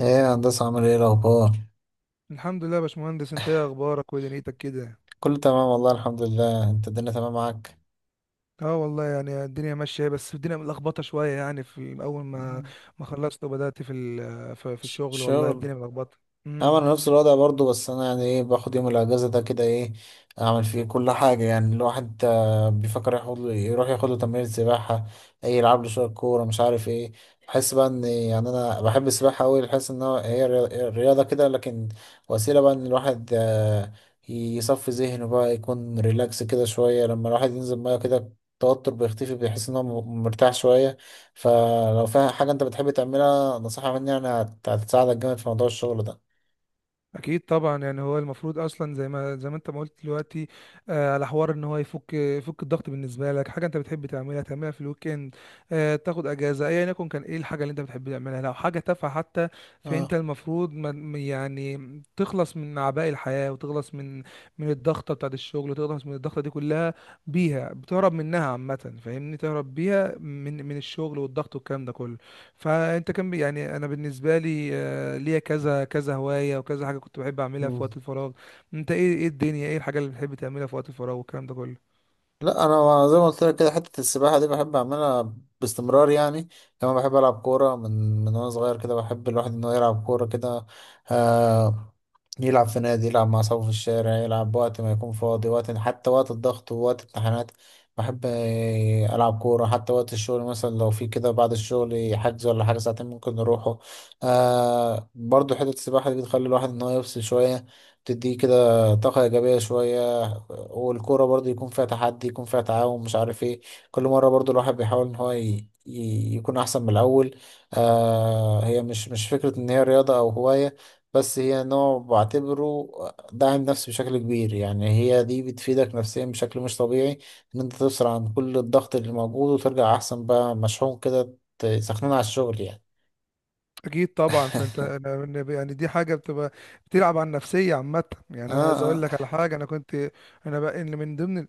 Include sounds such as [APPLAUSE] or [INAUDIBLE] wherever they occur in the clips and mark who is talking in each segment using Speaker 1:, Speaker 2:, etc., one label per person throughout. Speaker 1: ايه يا هندسة، عامل ايه الأخبار؟
Speaker 2: الحمد لله يا باشمهندس، انت ايه اخبارك ودنيتك كده؟
Speaker 1: كله تمام والله، الحمد لله. انت الدنيا تمام معاك؟
Speaker 2: اه والله الدنيا ماشيه، بس الدنيا ملخبطه شويه. في اول ما خلصت وبدات في الشغل، والله
Speaker 1: شغل.
Speaker 2: الدنيا ملخبطه.
Speaker 1: انا
Speaker 2: امم
Speaker 1: نفس الوضع برضو. بس انا يعني ايه، باخد يوم الاجازه ده كده ايه اعمل فيه؟ كل حاجه. يعني الواحد بيفكر ياخد له يروح ياخد له تمرين سباحه، اي يلعب له شويه كوره مش عارف ايه. بحس بقى ان يعني انا بحب السباحه قوي. بحس ان هي رياضه كده، لكن وسيله بقى ان الواحد يصفي ذهنه بقى، يكون ريلاكس كده شويه. لما الواحد ينزل ميه كده التوتر بيختفي، بيحس ان هو مرتاح شويه. فلو فيها حاجه انت بتحب تعملها، نصيحه مني يعني هتساعدك جامد في موضوع الشغل ده.
Speaker 2: اكيد طبعا. هو المفروض اصلا زي ما انت ما قلت دلوقتي، آه، على حوار ان هو يفك الضغط. بالنسبه لك حاجه انت بتحب تعملها، تعملها في الويك اند، آه، تاخد اجازه. ايا يكن كان ايه الحاجه اللي انت بتحب تعملها، لو حاجه تافهه حتى. فانت
Speaker 1: اه.
Speaker 2: المفروض ما تخلص من اعباء الحياه، وتخلص من الضغطه بتاعت الشغل، وتخلص من الضغطه دي كلها. بيها بتهرب منها عامه، فاهمني، تهرب بيها من الشغل والضغط والكلام ده كله. فانت كان بي- يعني انا بالنسبه لي آه، ليا كذا كذا هوايه وكذا حاجه كنت بحب اعملها
Speaker 1: مم.
Speaker 2: في وقت الفراغ. انت ايه، ايه الدنيا، ايه الحاجه اللي بتحب تعملها في وقت الفراغ والكلام ده كله؟
Speaker 1: لا انا زي ما قلت لك كده، حته السباحه دي بحب اعملها باستمرار يعني. كمان بحب العب كوره من وانا صغير كده. بحب الواحد انه يلعب كوره كده. آه، يلعب في نادي، يلعب مع أصحابه في الشارع، يلعب وقت ما يكون فاضي، وقت حتى وقت الضغط ووقت امتحانات. بحب ألعب كورة حتى وقت الشغل، مثلا لو في كده بعد الشغل حجز ولا حاجة ساعتين ممكن نروحه. آه، برضو حتة السباحة دي بتخلي الواحد إن هو يفصل شوية، بتديه كده طاقة إيجابية شوية. والكورة برضو يكون فيها تحدي، يكون فيها تعاون مش عارف إيه. كل مرة برضو الواحد بيحاول إن هو يكون أحسن من الأول. آه، هي مش فكرة إن هي رياضة أو هواية، بس هي نوع بعتبره داعم نفسي بشكل كبير. يعني هي دي بتفيدك نفسيا بشكل مش طبيعي، ان انت تفصل عن كل الضغط اللي موجود وترجع احسن بقى مشحون كده تسخنون على الشغل يعني.
Speaker 2: اكيد طبعا. فانت
Speaker 1: [LAUGHS]
Speaker 2: دي حاجه بتبقى بتلعب على النفسيه عامه. انا
Speaker 1: اه،
Speaker 2: عايز اقول
Speaker 1: اه.
Speaker 2: لك على حاجه. انا كنت انا بقى إن من ضمن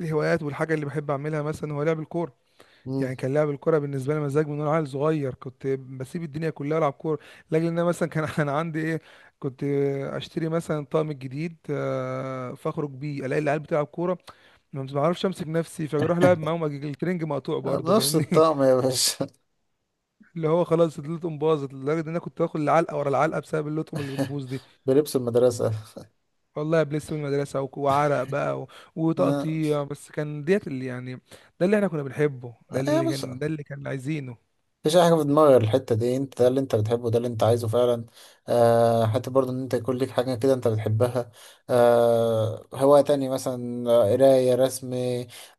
Speaker 2: الهوايات والحاجه اللي بحب اعملها مثلا هو لعب الكوره.
Speaker 1: مم.
Speaker 2: كان لعب الكرة بالنسبة لي مزاج. من وانا عيل صغير كنت بسيب الدنيا كلها العب كورة. لاجل ان انا مثلا كان [LAUGHS] انا عندي ايه، كنت اشتري مثلا طقم جديد، آه، فاخرج بيه الاقي العيال بتلعب كورة، ما بعرفش امسك نفسي فاروح العب معاهم، أجي الترنج مقطوع
Speaker 1: آه،
Speaker 2: برضه،
Speaker 1: بنفس
Speaker 2: فاهمني. [LAUGHS]
Speaker 1: الطقم يا باشا.
Speaker 2: اللي هو خلاص اللطم باظت لدرجة ان انا كنت باخد العلقة ورا العلقة بسبب اللطم اللي
Speaker 1: [LAUGHS]
Speaker 2: بتبوظ دي.
Speaker 1: بلبس المدرسة.
Speaker 2: والله بلس من المدرسة وعرق بقى
Speaker 1: اه.
Speaker 2: وتقطيع، بس كان ديت اللي ده اللي احنا كنا بنحبه، ده
Speaker 1: آه، يا
Speaker 2: اللي كان،
Speaker 1: باشا
Speaker 2: ده اللي كان عايزينه.
Speaker 1: مفيش اي حاجه في دماغي غير الحته دي. انت ده اللي انت بتحبه، ده اللي انت عايزه فعلا. آه، حتى برضه ان انت يكون ليك حاجه كده انت بتحبها. آه، هوايه تاني مثلا قرايه، رسم،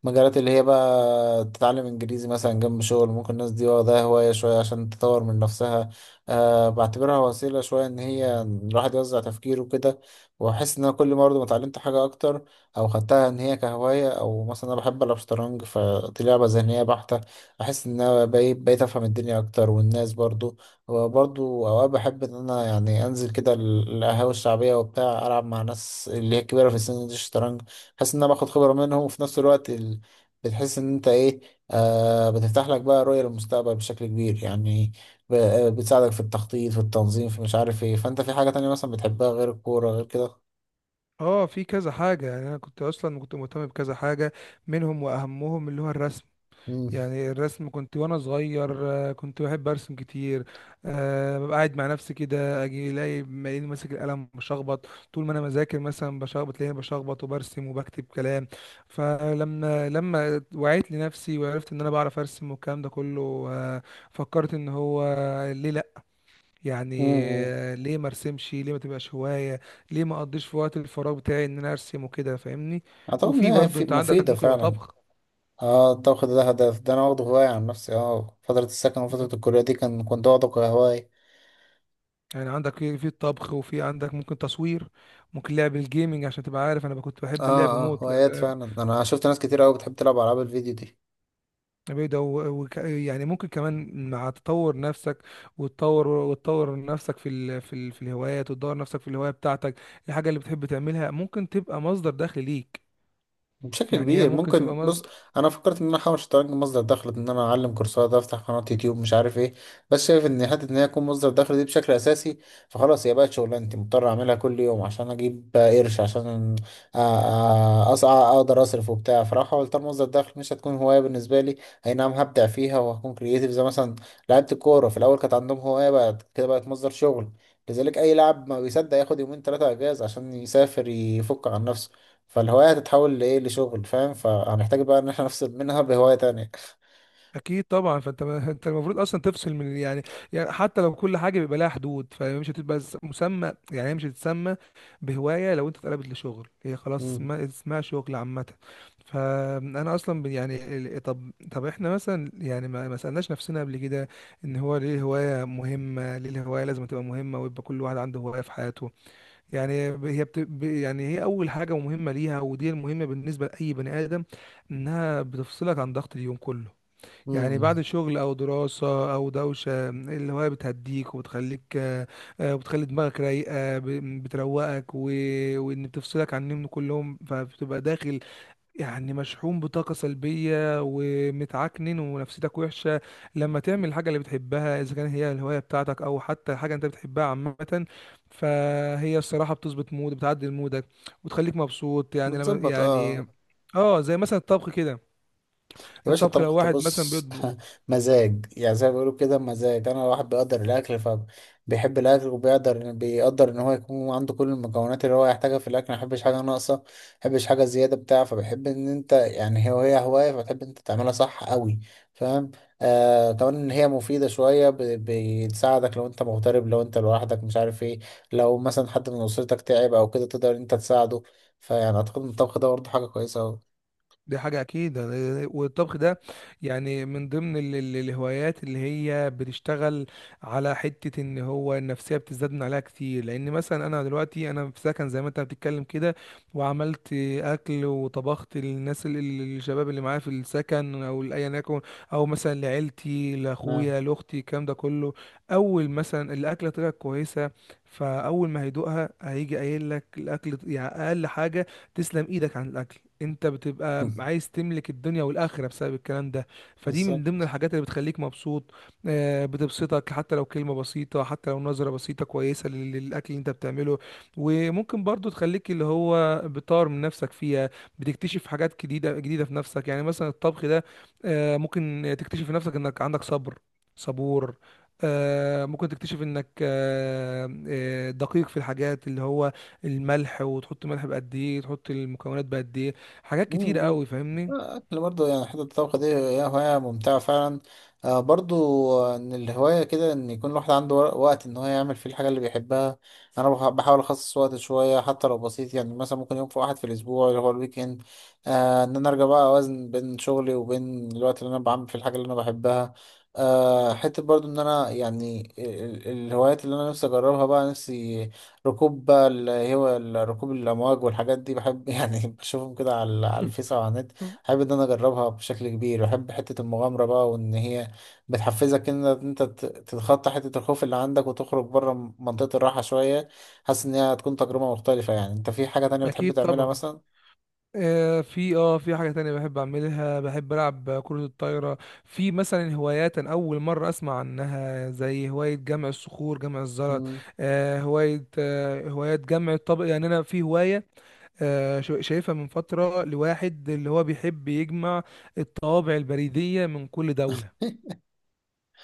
Speaker 1: مجالات اللي هي بقى تتعلم انجليزي مثلا جنب شغل. ممكن الناس دي واخداها هوايه شويه عشان تطور من نفسها. آه، بعتبرها وسيله شويه ان هي الواحد يوزع تفكيره كده. واحس ان انا كل ما برضه ما اتعلمت حاجه اكتر او خدتها ان هي كهوايه. او مثلا انا بحب العب شطرنج، فدي لعبه ذهنيه بحته. بحس ان انا بقيت افهم الدنيا اكتر، والناس برضو. وبرضو اوقات بحب ان انا يعني انزل كده القهاوي الشعبيه وبتاع، العب مع ناس اللي هي كبيره في السن دي الشطرنج. بحس ان انا باخد خبره منهم، وفي نفس الوقت بتحس ان انت ايه، آه بتفتح لك بقى رؤيه للمستقبل بشكل كبير يعني. ب... آه، بتساعدك في التخطيط، في التنظيم، في مش عارف ايه. فانت في حاجه تانية مثلا بتحبها غير الكوره غير كده؟
Speaker 2: اه، في كذا حاجة. انا كنت اصلا كنت مهتم بكذا حاجة، منهم واهمهم اللي هو الرسم.
Speaker 1: امم.
Speaker 2: الرسم كنت وانا صغير آه، كنت بحب ارسم كتير. أه، ببقى قاعد مع نفسي كده، اجي الاقي مالين ماسك القلم بشخبط. طول ما انا بذاكر مثلا بشخبط، تلاقيني بشخبط وبرسم وبكتب كلام. فلما وعيت لنفسي وعرفت ان انا بعرف ارسم والكلام ده كله، آه، فكرت ان هو ليه لا، يعني
Speaker 1: امم.
Speaker 2: ليه ما ارسمش، ليه ما تبقاش هواية، ليه ما اقضيش في وقت الفراغ بتاعي ان انا ارسم وكده، فاهمني.
Speaker 1: اعتقد
Speaker 2: وفي
Speaker 1: انها
Speaker 2: برضو انت عندك
Speaker 1: مفيده
Speaker 2: ممكن يبقى
Speaker 1: فعلا.
Speaker 2: طبخ.
Speaker 1: اه، الطبخ ده هدف، ده انا واخده هواية عن نفسي. اه فترة السكن وفترة الكلية دي كان كنت واخده كهواية.
Speaker 2: عندك في الطبخ، وفي عندك ممكن تصوير، ممكن لعب الجيمنج، عشان تبقى عارف انا كنت بحب اللعب
Speaker 1: اه، اه،
Speaker 2: موت لعب.
Speaker 1: هوايات فعلا. انا شفت ناس كتير اوي بتحب تلعب العاب الفيديو دي.
Speaker 2: بعيدة و... و... يعني ممكن كمان مع تطور نفسك وتطور نفسك في الهوايات، وتدور نفسك في الهواية بتاعتك. الحاجة اللي بتحب تعملها ممكن تبقى مصدر دخل ليك.
Speaker 1: بشكل
Speaker 2: هي
Speaker 1: كبير
Speaker 2: ممكن تبقى.
Speaker 1: ممكن. بص، انا فكرت ان انا احاول شطرنج مصدر دخل، ان انا اعلم كورسات، افتح قناه يوتيوب، مش عارف ايه. بس شايف ان حته ان هي تكون مصدر دخل دي بشكل اساسي، فخلاص هي بقت شغلانتي مضطر اعملها كل يوم عشان اجيب قرش، عشان أ- اقدر اصرف وبتاع. فراح احاول، طالما مصدر دخل مش هتكون هوايه بالنسبه لي، اي نعم هبدع فيها وهكون كرييتيف. زي مثلا لعيبه الكوره في الاول كانت عندهم هوايه، بعد كده بقت مصدر شغل. لذلك اي لاعب ما بيصدق ياخد يومين ثلاثه اجازه عشان يسافر يفك عن نفسه. فالهواية هتتحول لإيه، لشغل، فاهم؟ فهنحتاج بقى إن احنا نفصل منها بهواية تانية.
Speaker 2: اكيد طبعا. فانت ما انت المفروض اصلا تفصل من، حتى لو كل حاجه بيبقى لها حدود، فمش هتبقى مسمى. هي مش هتتسمى بهوايه. لو انت اتقلبت لشغل، هي خلاص
Speaker 1: مم.
Speaker 2: اسمها شغل عامه. فانا اصلا طب احنا مثلا ما سالناش نفسنا قبل كده ان هو ليه الهوايه مهمه، ليه الهوايه لازم تبقى مهمه ويبقى كل واحد عنده هوايه في حياته. ب- هي بت... ب- يعني هي اول حاجه مهمه ليها، ودي المهمه بالنسبه لاي بني ادم، انها بتفصلك عن ضغط اليوم كله.
Speaker 1: مم.
Speaker 2: بعد شغل او دراسة او دوشة، الهواية بتهديك وبتخليك، آه، آه، وبتخلي دماغك رايقة، بتروقك و... وان بتفصلك عن النوم كلهم. فبتبقى داخل مشحون بطاقة سلبية ومتعكنن ونفسيتك وحشة. لما تعمل الحاجة اللي بتحبها، اذا كانت هي الهواية بتاعتك او حتى حاجة انت بتحبها عامة، فهي الصراحة بتظبط مود، بتعدل مودك وتخليك مبسوط. يعني لما
Speaker 1: بتظبط، اه.
Speaker 2: يعني اه، زي مثلا الطبخ كده.
Speaker 1: يا باشا
Speaker 2: الطبخ لو
Speaker 1: الطبخ ده
Speaker 2: واحد مثلا
Speaker 1: بص.
Speaker 2: بيطبخ،
Speaker 1: [LAUGHS] مزاج، يعني زي ما بيقولوا كده مزاج. انا واحد بيقدر الاكل، فبيحب الاكل، وبيقدر ان هو يكون عنده كل المكونات اللي هو يحتاجها في الاكل، ما يحبش حاجه ناقصه، ما يحبش حاجه زياده بتاع. فبيحب ان انت يعني هي وهي هوايه فتحب انت تعملها صح قوي، فاهم؟ آه، كمان ان هي مفيده شويه، بتساعدك لو انت مغترب، لو انت لوحدك مش عارف ايه. لو مثلا حد من اسرتك تعب او كده تقدر انت تساعده. فيعني اعتقد ان الطبخ ده برضه حاجه كويسه قوي.
Speaker 2: دي حاجة أكيد. والطبخ ده، من ضمن الهوايات اللي هي بتشتغل على حتة إن هو النفسية بتزداد من عليها كتير. لأن مثلا أنا دلوقتي أنا في سكن، زي ما أنت بتتكلم كده، وعملت أكل وطبخت للناس الشباب اللي معايا في السكن، أو لأيا يكن، أو مثلا لعيلتي،
Speaker 1: اه.
Speaker 2: لأخويا، لأختي، الكلام ده كله. أول مثلا الأكلة طلعت كويسة، فأول ما هيدوقها هيجي قايل لك الأكل، أقل حاجة تسلم ايدك عن الاكل، انت بتبقى
Speaker 1: [LAUGHS]
Speaker 2: عايز تملك الدنيا والاخره بسبب الكلام ده. فدي من
Speaker 1: بالظبط.
Speaker 2: ضمن الحاجات اللي بتخليك مبسوط، آه، بتبسطك، حتى لو كلمه بسيطه، حتى لو نظره بسيطه كويسه للاكل اللي انت بتعمله. وممكن برضو تخليك اللي هو بتطور من نفسك فيها، بتكتشف حاجات جديده في نفسك. مثلا الطبخ ده، آه، ممكن تكتشف في نفسك انك عندك صبر، صبور، آه، ممكن تكتشف انك آه، آه، دقيق في الحاجات اللي هو الملح، وتحط ملح بقد ايه، تحط المكونات بقد ايه، حاجات كتيرة
Speaker 1: مم.
Speaker 2: قوي، فاهمني.
Speaker 1: احنا برضه يعني حتة الطبخ دي هي هواية ممتعة فعلا. آه، برضه ان الهواية كده ان يكون الواحد عنده وقت ان هو يعمل فيه الحاجة اللي بيحبها. انا بحاول اخصص وقت شوية حتى لو بسيط. يعني مثلا ممكن يوم في واحد في الاسبوع اللي هو الويكند، آه، ان انا ارجع بقى اوازن بين شغلي وبين الوقت اللي انا بعمل فيه الحاجة اللي انا بحبها. آه، حتة برضه ان انا يعني الهوايات اللي انا نفسي اجربها بقى، نفسي ركوب بقى اللي هو ركوب الامواج والحاجات دي بحب. [LAUGHS] يعني بشوفهم كده على الفيس او على النت. بحب ان انا اجربها بشكل كبير. بحب حته المغامره بقى، وان هي بتحفزك ان انت تتخطى حته الخوف اللي عندك وتخرج بره منطقه الراحه شويه. حاسس ان هي هتكون تجربه مختلفه يعني. انت في حاجه تانية بتحب
Speaker 2: اكيد
Speaker 1: تعملها
Speaker 2: طبعا.
Speaker 1: مثلا؟
Speaker 2: آه، في حاجة تانية بحب اعملها، بحب العب كرة الطايرة. في مثلا هوايات أنا اول مرة اسمع عنها، زي هواية جمع الصخور، جمع الزلط،
Speaker 1: مم.
Speaker 2: آه، هواية جمع الطبق. انا في هواية آه شايفها من فترة، لواحد اللي هو بيحب يجمع الطوابع البريدية من كل دولة.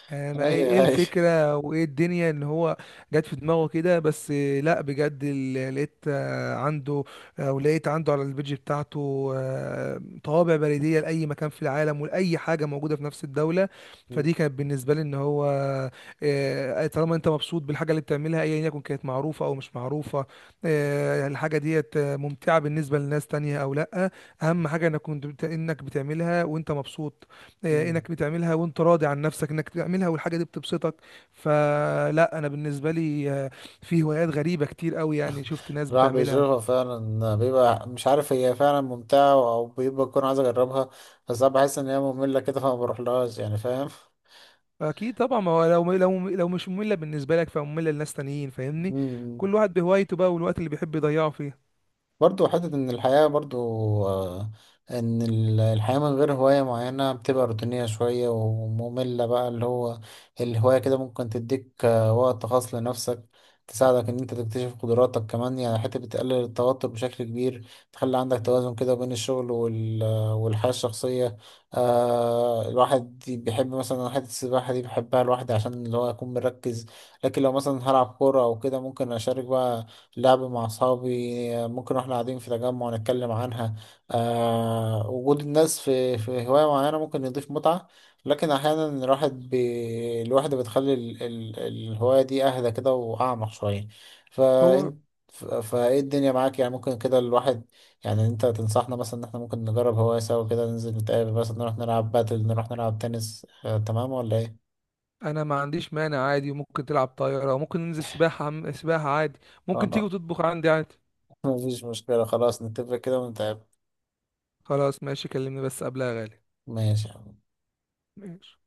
Speaker 2: آه، ما ايه،
Speaker 1: ايوه،
Speaker 2: إيه
Speaker 1: ايوه.
Speaker 2: الفكرة وايه الدنيا ان هو جت في دماغه كده؟ بس آه، لا بجد، لقيت آه، عنده، او لقيت عنده على البيج بتاعته آه، طوابع بريدية لأي مكان في العالم، ولأي حاجة موجودة في نفس الدولة.
Speaker 1: مم.
Speaker 2: فدي كانت بالنسبة لي ان هو آه، آه، طالما انت مبسوط بالحاجة اللي بتعملها، ايا يكن كانت معروفة او مش معروفة، آه، الحاجة ديت آه، ممتعة بالنسبة لناس تانية او لا، اهم حاجة انك انك بتعملها وانت مبسوط، آه،
Speaker 1: مم.
Speaker 2: انك بتعملها وانت راضي عن نفسك، انك بتعملها والحاجه دي بتبسطك. فلا انا بالنسبه لي آه، في هوايات غريبه كتير قوي، شفت ناس
Speaker 1: الواحد بيجربها
Speaker 2: بتعملها.
Speaker 1: فعلا، بيبقى مش عارف هي فعلا ممتعة أو بيبقى يكون عايز أجربها. بس أنا بحس إن هي مملة كده فما بروحلهاش يعني، فاهم؟
Speaker 2: اكيد طبعا. ما هو لو مش ممله بالنسبه لك، فممله لناس تانيين، فاهمني.
Speaker 1: مم.
Speaker 2: كل واحد بهوايته بقى، والوقت اللي بيحب يضيعه فيه.
Speaker 1: برضو حتة إن الحياة برضو، آه، إن الحياة من غير هواية معينة بتبقى روتينية شوية ومملة بقى. اللي هو الهواية كده ممكن تديك وقت خاص لنفسك، تساعدك إن أنت تكتشف قدراتك كمان يعني. حتى بتقلل التوتر بشكل كبير، تخلي عندك توازن كده بين الشغل والحياة الشخصية. آه، الواحد بيحب مثلا حتة السباحة دي بحبها لوحدي عشان اللي هو أكون مركز. لكن لو مثلا هلعب كورة أو كده ممكن أشارك بقى، لعب مع أصحابي. ممكن واحنا قاعدين في تجمع نتكلم عنها. آه، وجود الناس في هواية معينة ممكن يضيف متعة. لكن أحيانا الواحدة بتخلي الهواية دي أهدى كده وأعمق شوية.
Speaker 2: هو
Speaker 1: فأنت فإيه الدنيا معاك يعني؟ ممكن كده الواحد، يعني أنت تنصحنا مثلا إن إحنا ممكن نجرب هواية سوا كده، ننزل نتقابل مثلا نروح نلعب باتل، نروح نلعب تنس، آه تمام ولا إيه؟
Speaker 2: انا ما عنديش مانع، عادي، وممكن تلعب طايره، وممكن ننزل سباحه، سباحه عادي، ممكن تيجي
Speaker 1: خلاص.
Speaker 2: وتطبخ عندي عادي.
Speaker 1: [LAUGHS] مفيش مشكلة، خلاص نتفق كده ونتقابل.
Speaker 2: خلاص، ماشي، كلمني بس قبلها يا غالي.
Speaker 1: ماشي يا عم.
Speaker 2: ماشي.